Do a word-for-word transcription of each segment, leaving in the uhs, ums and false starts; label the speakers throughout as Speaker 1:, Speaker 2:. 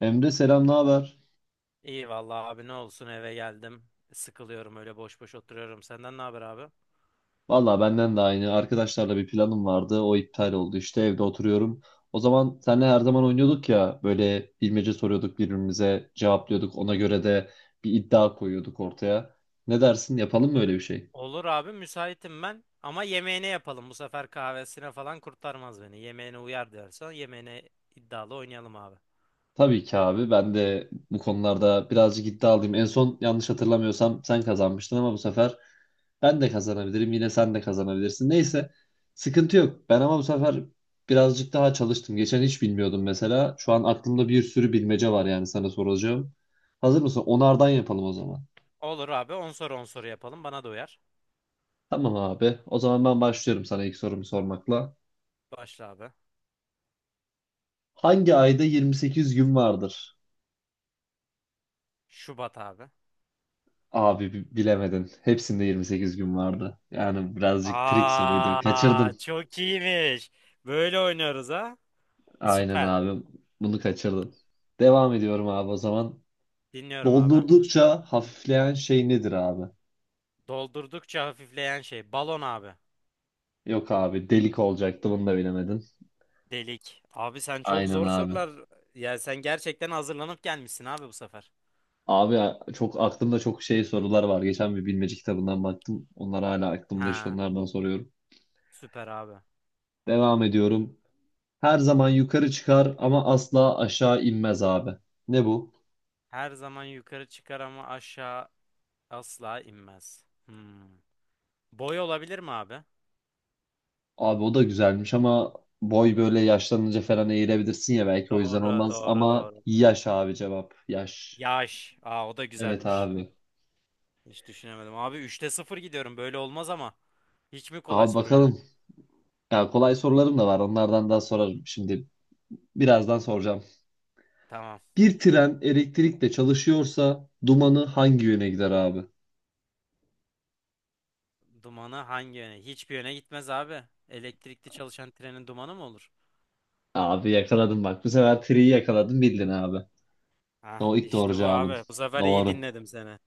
Speaker 1: Emre selam, ne haber?
Speaker 2: İyi vallahi abi ne olsun eve geldim. Sıkılıyorum öyle boş boş oturuyorum. Senden ne haber abi?
Speaker 1: Valla benden de aynı. Arkadaşlarla bir planım vardı. O iptal oldu. İşte evde oturuyorum. O zaman seninle her zaman oynuyorduk ya. Böyle bilmece soruyorduk birbirimize, cevaplıyorduk. Ona göre de bir iddia koyuyorduk ortaya. Ne dersin? Yapalım mı öyle bir şey?
Speaker 2: Olur abi müsaitim ben. Ama yemeğine yapalım. Bu sefer kahvesine falan kurtarmaz beni. Yemeğine uyar diyorsan yemeğine iddialı oynayalım abi.
Speaker 1: Tabii ki abi. Ben de bu konularda birazcık iddialıyım. En son yanlış hatırlamıyorsam sen kazanmıştın ama bu sefer ben de kazanabilirim. Yine sen de kazanabilirsin. Neyse sıkıntı yok. Ben ama bu sefer birazcık daha çalıştım. Geçen hiç bilmiyordum mesela. Şu an aklımda bir sürü bilmece var yani sana soracağım. Hazır mısın? Onardan yapalım o zaman.
Speaker 2: Olur abi on soru on soru yapalım. Bana da uyar.
Speaker 1: Tamam abi. O zaman ben başlıyorum sana ilk sorumu sormakla.
Speaker 2: Başla abi.
Speaker 1: Hangi ayda yirmi sekiz gün vardır?
Speaker 2: Şubat abi.
Speaker 1: Abi bi- bilemedin. Hepsinde yirmi sekiz gün vardı. Yani birazcık trik soruydu.
Speaker 2: Aa,
Speaker 1: Kaçırdın.
Speaker 2: çok iyiymiş. Böyle oynuyoruz ha.
Speaker 1: Aynen
Speaker 2: Süper.
Speaker 1: abi. Bunu kaçırdın. Devam ediyorum abi o zaman.
Speaker 2: Dinliyorum abi.
Speaker 1: Doldurdukça hafifleyen şey nedir abi?
Speaker 2: Doldurdukça hafifleyen şey. Balon abi.
Speaker 1: Yok abi delik olacaktı bunu da bilemedin.
Speaker 2: Delik. Abi sen çok
Speaker 1: Aynen
Speaker 2: zor
Speaker 1: abi.
Speaker 2: sorular. Ya sen gerçekten hazırlanıp gelmişsin abi bu sefer.
Speaker 1: Abi a- çok aklımda çok şey sorular var. Geçen bir bilmece kitabından baktım. Onlar hala aklımda işte
Speaker 2: Ha,
Speaker 1: onlardan soruyorum.
Speaker 2: süper abi.
Speaker 1: Devam ediyorum. Her zaman yukarı çıkar ama asla aşağı inmez abi. Ne bu?
Speaker 2: Her zaman yukarı çıkar ama aşağı asla inmez. Hmm. Boy olabilir mi abi?
Speaker 1: Abi o da güzelmiş ama boy böyle yaşlanınca falan eğilebilirsin ya belki o yüzden
Speaker 2: Doğru,
Speaker 1: olmaz
Speaker 2: doğru,
Speaker 1: ama
Speaker 2: doğru.
Speaker 1: yaş abi cevap yaş.
Speaker 2: Yaş. Aa, o da
Speaker 1: Evet
Speaker 2: güzelmiş.
Speaker 1: abi.
Speaker 2: Hiç düşünemedim. Abi üçte sıfır gidiyorum. Böyle olmaz ama. Hiç mi kolay
Speaker 1: Abi
Speaker 2: sorun yok?
Speaker 1: bakalım. Ya kolay sorularım da var. Onlardan daha sorarım şimdi. Birazdan soracağım.
Speaker 2: Tamam.
Speaker 1: Bir tren elektrikle çalışıyorsa dumanı hangi yöne gider abi?
Speaker 2: Dumanı hangi yöne? Hiçbir yöne gitmez abi. Elektrikli çalışan trenin dumanı mı olur?
Speaker 1: Abi yakaladın bak. Bu sefer triyi yakaladın bildin abi.
Speaker 2: Ah
Speaker 1: O ilk doğru
Speaker 2: işte bu
Speaker 1: cevabın.
Speaker 2: abi. Bu sefer iyi
Speaker 1: Doğru.
Speaker 2: dinledim seni.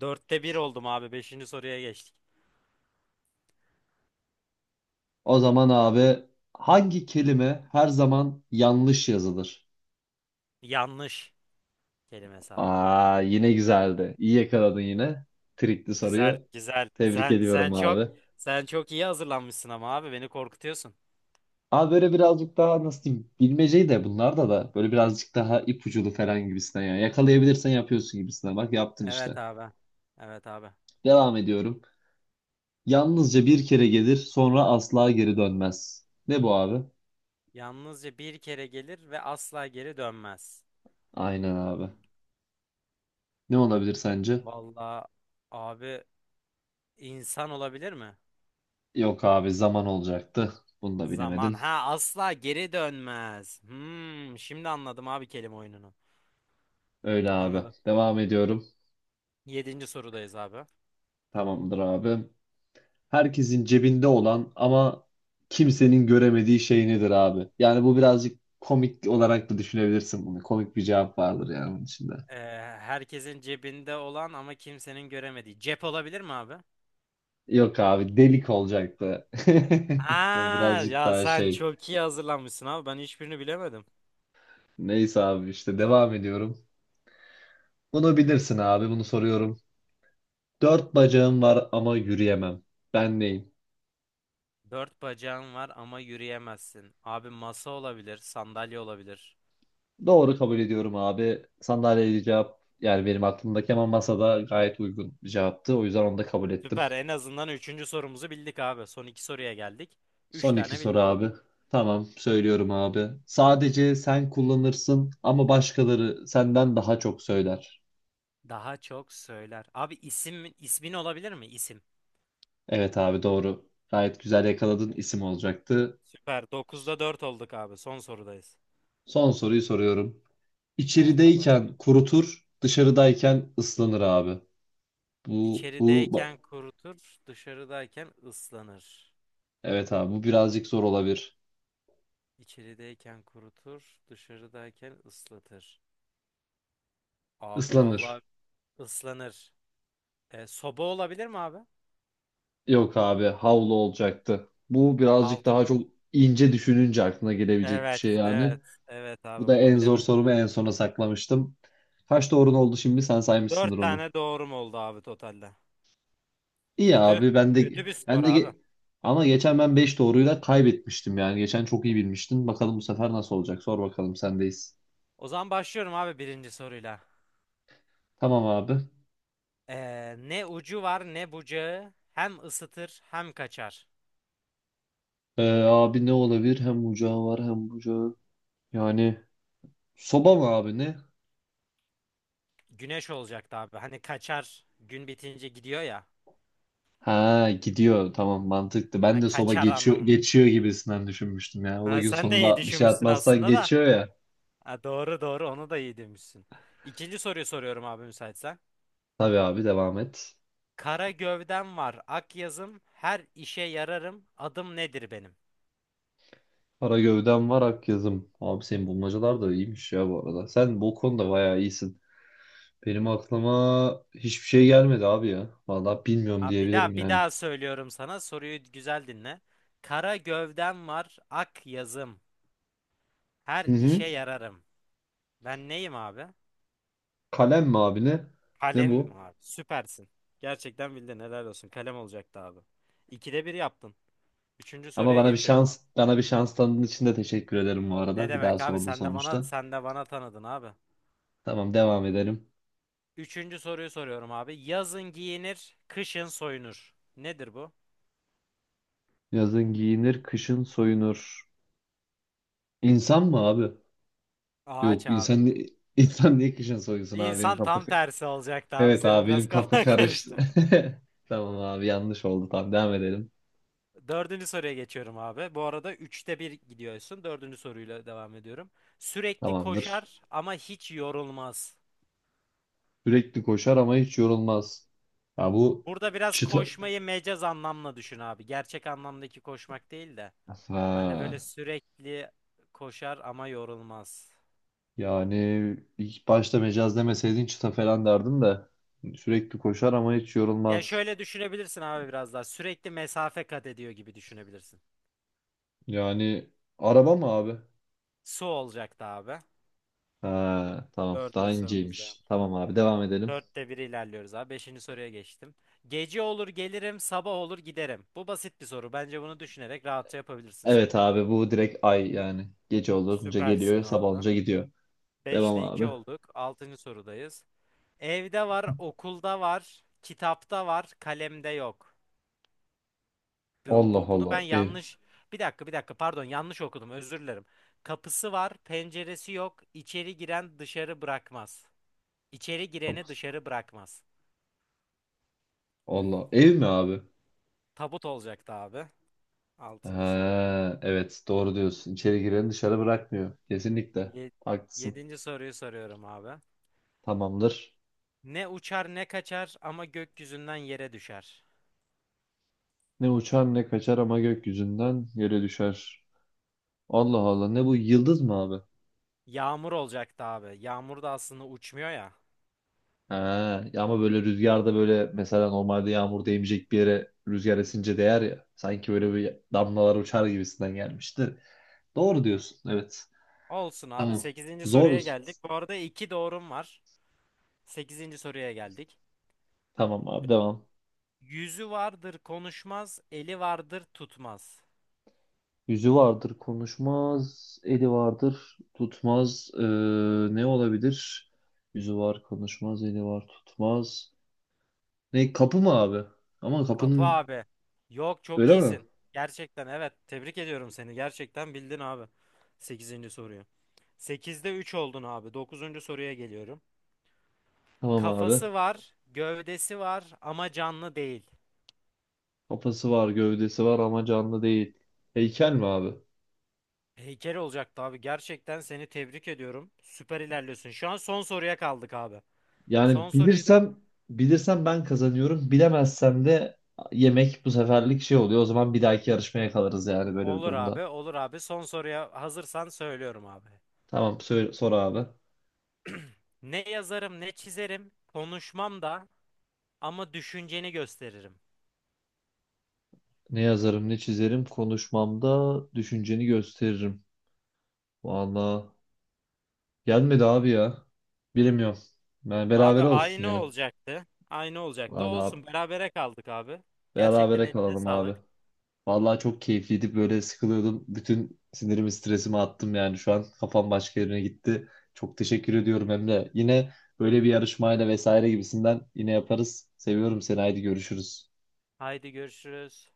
Speaker 2: Dörtte bir oldum abi. Beşinci soruya geçtik.
Speaker 1: O zaman abi hangi kelime her zaman yanlış yazılır?
Speaker 2: Yanlış kelimesi abi.
Speaker 1: Aa, yine güzeldi. İyi yakaladın yine. Trikli
Speaker 2: Güzel
Speaker 1: soruyu.
Speaker 2: güzel.
Speaker 1: Tebrik
Speaker 2: Sen
Speaker 1: ediyorum
Speaker 2: sen çok
Speaker 1: abi.
Speaker 2: sen çok iyi hazırlanmışsın ama abi beni korkutuyorsun.
Speaker 1: Abi böyle birazcık daha nasıl diyeyim bilmeceyi de bunlarda da böyle birazcık daha ipuculu falan gibisinden yani yakalayabilirsen yapıyorsun gibisinden bak yaptın
Speaker 2: Evet
Speaker 1: işte.
Speaker 2: abi. Evet abi.
Speaker 1: Devam ediyorum. Yalnızca bir kere gelir sonra asla geri dönmez. Ne bu abi?
Speaker 2: Yalnızca bir kere gelir ve asla geri dönmez.
Speaker 1: Aynen abi. Ne olabilir sence?
Speaker 2: Vallahi abi insan olabilir mi?
Speaker 1: Yok abi zaman olacaktı. Bunu da
Speaker 2: Zaman.
Speaker 1: bilemedin.
Speaker 2: Ha, asla geri dönmez. Hmm, şimdi anladım abi kelime oyununu.
Speaker 1: Öyle abi.
Speaker 2: Anladım.
Speaker 1: Devam ediyorum.
Speaker 2: Yedinci sorudayız abi.
Speaker 1: Tamamdır abi. Herkesin cebinde olan ama kimsenin göremediği şey nedir abi? Yani bu birazcık komik olarak da düşünebilirsin bunu. Komik bir cevap vardır yani bunun içinde.
Speaker 2: Ee, herkesin cebinde olan ama kimsenin göremediği. Cep olabilir mi abi?
Speaker 1: Yok abi delik olacaktı.
Speaker 2: Ha,
Speaker 1: Birazcık
Speaker 2: ya
Speaker 1: daha
Speaker 2: sen
Speaker 1: şey.
Speaker 2: çok iyi hazırlanmışsın abi. Ben hiçbirini bilemedim.
Speaker 1: Neyse abi işte devam ediyorum. Bunu bilirsin abi bunu soruyorum. Dört bacağım var ama yürüyemem. Ben neyim?
Speaker 2: Dört bacağın var ama yürüyemezsin. Abi masa olabilir, sandalye olabilir.
Speaker 1: Doğru kabul ediyorum abi. Sandalyeli cevap yani benim aklımdaki ama masada gayet uygun bir cevaptı. O yüzden onu da kabul ettim.
Speaker 2: Süper. En azından üçüncü sorumuzu bildik abi. Son iki soruya geldik. Üç
Speaker 1: Son iki
Speaker 2: tane
Speaker 1: soru
Speaker 2: bildik.
Speaker 1: abi. Tamam, söylüyorum abi. Sadece sen kullanırsın ama başkaları senden daha çok söyler.
Speaker 2: Daha çok söyler. Abi isim ismin olabilir mi? İsim.
Speaker 1: Evet abi doğru. Gayet güzel yakaladın isim olacaktı.
Speaker 2: Süper. Dokuzda dört olduk abi. Son sorudayız.
Speaker 1: Son soruyu soruyorum.
Speaker 2: Evet abi.
Speaker 1: İçerideyken kurutur, dışarıdayken ıslanır abi. Bu, bu, ba-
Speaker 2: İçerideyken kurutur, dışarıdayken ıslanır.
Speaker 1: evet abi bu birazcık zor olabilir.
Speaker 2: İçerideyken kurutur, dışarıdayken ıslatır. Abi vallahi
Speaker 1: Islanır.
Speaker 2: ıslanır. E, soba olabilir mi abi?
Speaker 1: Yok abi havlu olacaktı. Bu birazcık daha
Speaker 2: Havlu.
Speaker 1: çok ince düşününce aklına gelebilecek bir
Speaker 2: Evet,
Speaker 1: şey yani.
Speaker 2: evet, evet
Speaker 1: Bu
Speaker 2: abi
Speaker 1: da
Speaker 2: bunu
Speaker 1: en zor
Speaker 2: bilemedim.
Speaker 1: sorumu en sona saklamıştım. Kaç doğrun oldu şimdi? Sen saymışsındır
Speaker 2: Dört
Speaker 1: onu.
Speaker 2: tane doğrum oldu abi totalde.
Speaker 1: İyi
Speaker 2: Kötü,
Speaker 1: abi ben de
Speaker 2: kötü bir
Speaker 1: ben
Speaker 2: skor
Speaker 1: de
Speaker 2: abi.
Speaker 1: ge- ama geçen ben beş doğruyla kaybetmiştim yani. Geçen çok iyi bilmiştin. Bakalım bu sefer nasıl olacak? Sor bakalım sendeyiz.
Speaker 2: O zaman başlıyorum abi birinci soruyla.
Speaker 1: Tamam abi.
Speaker 2: E, ne ucu var ne bucağı hem ısıtır hem kaçar.
Speaker 1: Ee, abi ne olabilir? Hem ocağı var hem bucağı. Yani soba mı abi ne?
Speaker 2: Güneş olacaktı abi. Hani kaçar gün bitince gidiyor ya.
Speaker 1: Ha gidiyor tamam mantıklı.
Speaker 2: Ha,
Speaker 1: Ben de soba
Speaker 2: kaçar
Speaker 1: geçiyor
Speaker 2: anlamında.
Speaker 1: geçiyor gibisinden düşünmüştüm ya. O da
Speaker 2: Ha,
Speaker 1: gün
Speaker 2: sen de iyi
Speaker 1: sonunda bir şey
Speaker 2: düşünmüşsün
Speaker 1: atmazsan
Speaker 2: aslında da.
Speaker 1: geçiyor ya.
Speaker 2: Ha, doğru doğru onu da iyi demişsin. İkinci soruyu soruyorum abi müsaitsen.
Speaker 1: Tabii abi devam et.
Speaker 2: Kara gövdem var, ak yazım, her işe yararım, adım nedir benim?
Speaker 1: Kara gövdem var ak yazım. Abi senin bulmacalar da iyiymiş ya bu arada. Sen bu konuda bayağı iyisin. Benim aklıma hiçbir şey gelmedi abi ya. Vallahi bilmiyorum
Speaker 2: Abi bir
Speaker 1: diyebilirim
Speaker 2: daha bir
Speaker 1: yani.
Speaker 2: daha söylüyorum sana soruyu güzel dinle. Kara gövdem var, ak yazım,
Speaker 1: Hı
Speaker 2: her
Speaker 1: hı.
Speaker 2: işe yararım. Ben neyim abi?
Speaker 1: Kalem mi abi ne? Ne
Speaker 2: Kalemim
Speaker 1: bu?
Speaker 2: abi. Süpersin. Gerçekten bildin helal olsun. Kalem olacaktı abi. İkide bir yaptın. Üçüncü
Speaker 1: Ama
Speaker 2: soruya
Speaker 1: bana bir
Speaker 2: geçiyorum
Speaker 1: şans
Speaker 2: abi.
Speaker 1: bana bir şans tanıdığın için de teşekkür ederim bu
Speaker 2: Ne
Speaker 1: arada. Bir daha
Speaker 2: demek abi?
Speaker 1: sordun
Speaker 2: Sen de bana
Speaker 1: sonuçta.
Speaker 2: sen de bana tanıdın abi.
Speaker 1: Tamam devam edelim.
Speaker 2: Üçüncü soruyu soruyorum abi. Yazın giyinir, kışın soyunur. Nedir bu?
Speaker 1: Yazın giyinir, kışın soyunur. İnsan mı abi?
Speaker 2: Ağaç
Speaker 1: Yok
Speaker 2: abi.
Speaker 1: insan insan niye kışın soyunsun abi benim
Speaker 2: İnsan
Speaker 1: kafa.
Speaker 2: tam tersi olacaktı abi.
Speaker 1: Evet
Speaker 2: Senin
Speaker 1: abi
Speaker 2: biraz
Speaker 1: benim kafa
Speaker 2: kafan
Speaker 1: karıştı.
Speaker 2: karıştı.
Speaker 1: Tamam abi yanlış oldu. Tamam devam edelim.
Speaker 2: Dördüncü soruya geçiyorum abi. Bu arada üçte bir gidiyorsun. Dördüncü soruyla devam ediyorum. Sürekli
Speaker 1: Tamamdır.
Speaker 2: koşar ama hiç yorulmaz.
Speaker 1: Sürekli koşar ama hiç yorulmaz. Ya bu
Speaker 2: Burada biraz
Speaker 1: çıta...
Speaker 2: koşmayı mecaz anlamla düşün abi. Gerçek anlamdaki koşmak değil de. Hani böyle
Speaker 1: Ha,
Speaker 2: sürekli koşar ama yorulmaz.
Speaker 1: yani ilk başta mecaz demeseydin çıta falan derdim de. Sürekli koşar ama hiç
Speaker 2: Ya
Speaker 1: yorulmaz.
Speaker 2: şöyle düşünebilirsin abi biraz daha. Sürekli mesafe kat ediyor gibi düşünebilirsin.
Speaker 1: Yani araba mı abi?
Speaker 2: Su olacaktı abi.
Speaker 1: Ha, tamam daha
Speaker 2: Dördüncü sorumuzda
Speaker 1: inceymiş.
Speaker 2: yapmış onu.
Speaker 1: Tamam abi devam edelim.
Speaker 2: Dörtte bir ilerliyoruz abi. Beşinci soruya geçtim. Gece olur gelirim, sabah olur giderim. Bu basit bir soru. Bence bunu düşünerek rahatça yapabilirsin sen.
Speaker 1: Evet abi bu direkt ay yani. Gece olunca
Speaker 2: Süpersin
Speaker 1: geliyor sabah
Speaker 2: abi.
Speaker 1: olunca gidiyor. Devam
Speaker 2: Beşte iki
Speaker 1: abi.
Speaker 2: olduk. Altıncı sorudayız. Evde var, okulda var, kitapta var, kalemde yok. Bu,
Speaker 1: Allah
Speaker 2: bu- bunu ben
Speaker 1: Allah. E,
Speaker 2: yanlış bir dakika bir dakika pardon yanlış okudum özür dilerim. Kapısı var, penceresi yok. İçeri giren dışarı bırakmaz. İçeri gireni dışarı bırakmaz.
Speaker 1: Allah. Ev mi abi?
Speaker 2: Tabut olacaktı abi. Altıncı soru.
Speaker 1: Ha, evet doğru diyorsun. İçeri gireni dışarı bırakmıyor. Kesinlikle.
Speaker 2: Ye-
Speaker 1: Haklısın.
Speaker 2: yedinci soruyu soruyorum abi.
Speaker 1: Tamamdır.
Speaker 2: Ne uçar ne kaçar ama gökyüzünden yere düşer.
Speaker 1: Ne uçar ne kaçar ama gökyüzünden yere düşer. Allah Allah ne bu yıldız mı abi?
Speaker 2: Yağmur olacaktı abi. Yağmur da aslında uçmuyor ya.
Speaker 1: Ha, ya ama böyle rüzgarda böyle mesela normalde yağmur değmeyecek bir yere rüzgar esince değer ya. Sanki böyle bir damlalar uçar gibisinden gelmişti. Doğru diyorsun evet.
Speaker 2: Olsun abi.
Speaker 1: Tamam.
Speaker 2: Sekizinci soruya
Speaker 1: Zoruz.
Speaker 2: geldik. Bu arada iki doğrum var. Sekizinci soruya geldik.
Speaker 1: Tamam abi devam.
Speaker 2: Yüzü vardır konuşmaz, eli vardır tutmaz.
Speaker 1: Yüzü vardır konuşmaz, eli vardır tutmaz. Ee, ne olabilir? Yüzü var konuşmaz, eli var tutmaz. Ne kapı mı abi? Ama
Speaker 2: Kapı
Speaker 1: kapının
Speaker 2: abi. Yok çok
Speaker 1: öyle mi?
Speaker 2: iyisin. Gerçekten evet. Tebrik ediyorum seni. Gerçekten bildin abi. Sekizinci soruyu. Sekizde üç oldun abi. Dokuzuncu soruya geliyorum.
Speaker 1: Tamam abi.
Speaker 2: Kafası var, gövdesi var ama canlı değil.
Speaker 1: Kafası var, gövdesi var ama canlı değil. Heykel mi abi?
Speaker 2: Heykel olacaktı abi. Gerçekten seni tebrik ediyorum. Süper ilerliyorsun. Şu an son soruya kaldık abi. Son
Speaker 1: Yani
Speaker 2: soruyu da
Speaker 1: bilirsem bilirsem ben kazanıyorum. Bilemezsem de yemek bu seferlik şey oluyor. O zaman bir dahaki yarışmaya kalırız yani böyle bir
Speaker 2: olur abi,
Speaker 1: durumda.
Speaker 2: olur abi. Son soruya hazırsan söylüyorum abi.
Speaker 1: Tamam söyle, sor abi.
Speaker 2: Ne yazarım ne çizerim, konuşmam da ama düşünceni gösteririm.
Speaker 1: Ne yazarım ne çizerim konuşmamda düşünceni gösteririm. Valla gelmedi abi ya. Bilmiyorum. Yani
Speaker 2: Abi
Speaker 1: berabere olsun
Speaker 2: aynı
Speaker 1: ya.
Speaker 2: olacaktı. Aynı olacaktı.
Speaker 1: Valla
Speaker 2: Olsun berabere kaldık abi. Gerçekten
Speaker 1: berabere
Speaker 2: eline
Speaker 1: kalalım abi.
Speaker 2: sağlık.
Speaker 1: Valla çok keyifliydi böyle sıkılıyordum. Bütün sinirimi stresimi attım yani şu an kafam başka yerine gitti. Çok teşekkür ediyorum Emre. Yine böyle bir yarışmayla vesaire gibisinden yine yaparız. Seviyorum seni haydi görüşürüz.
Speaker 2: Haydi görüşürüz.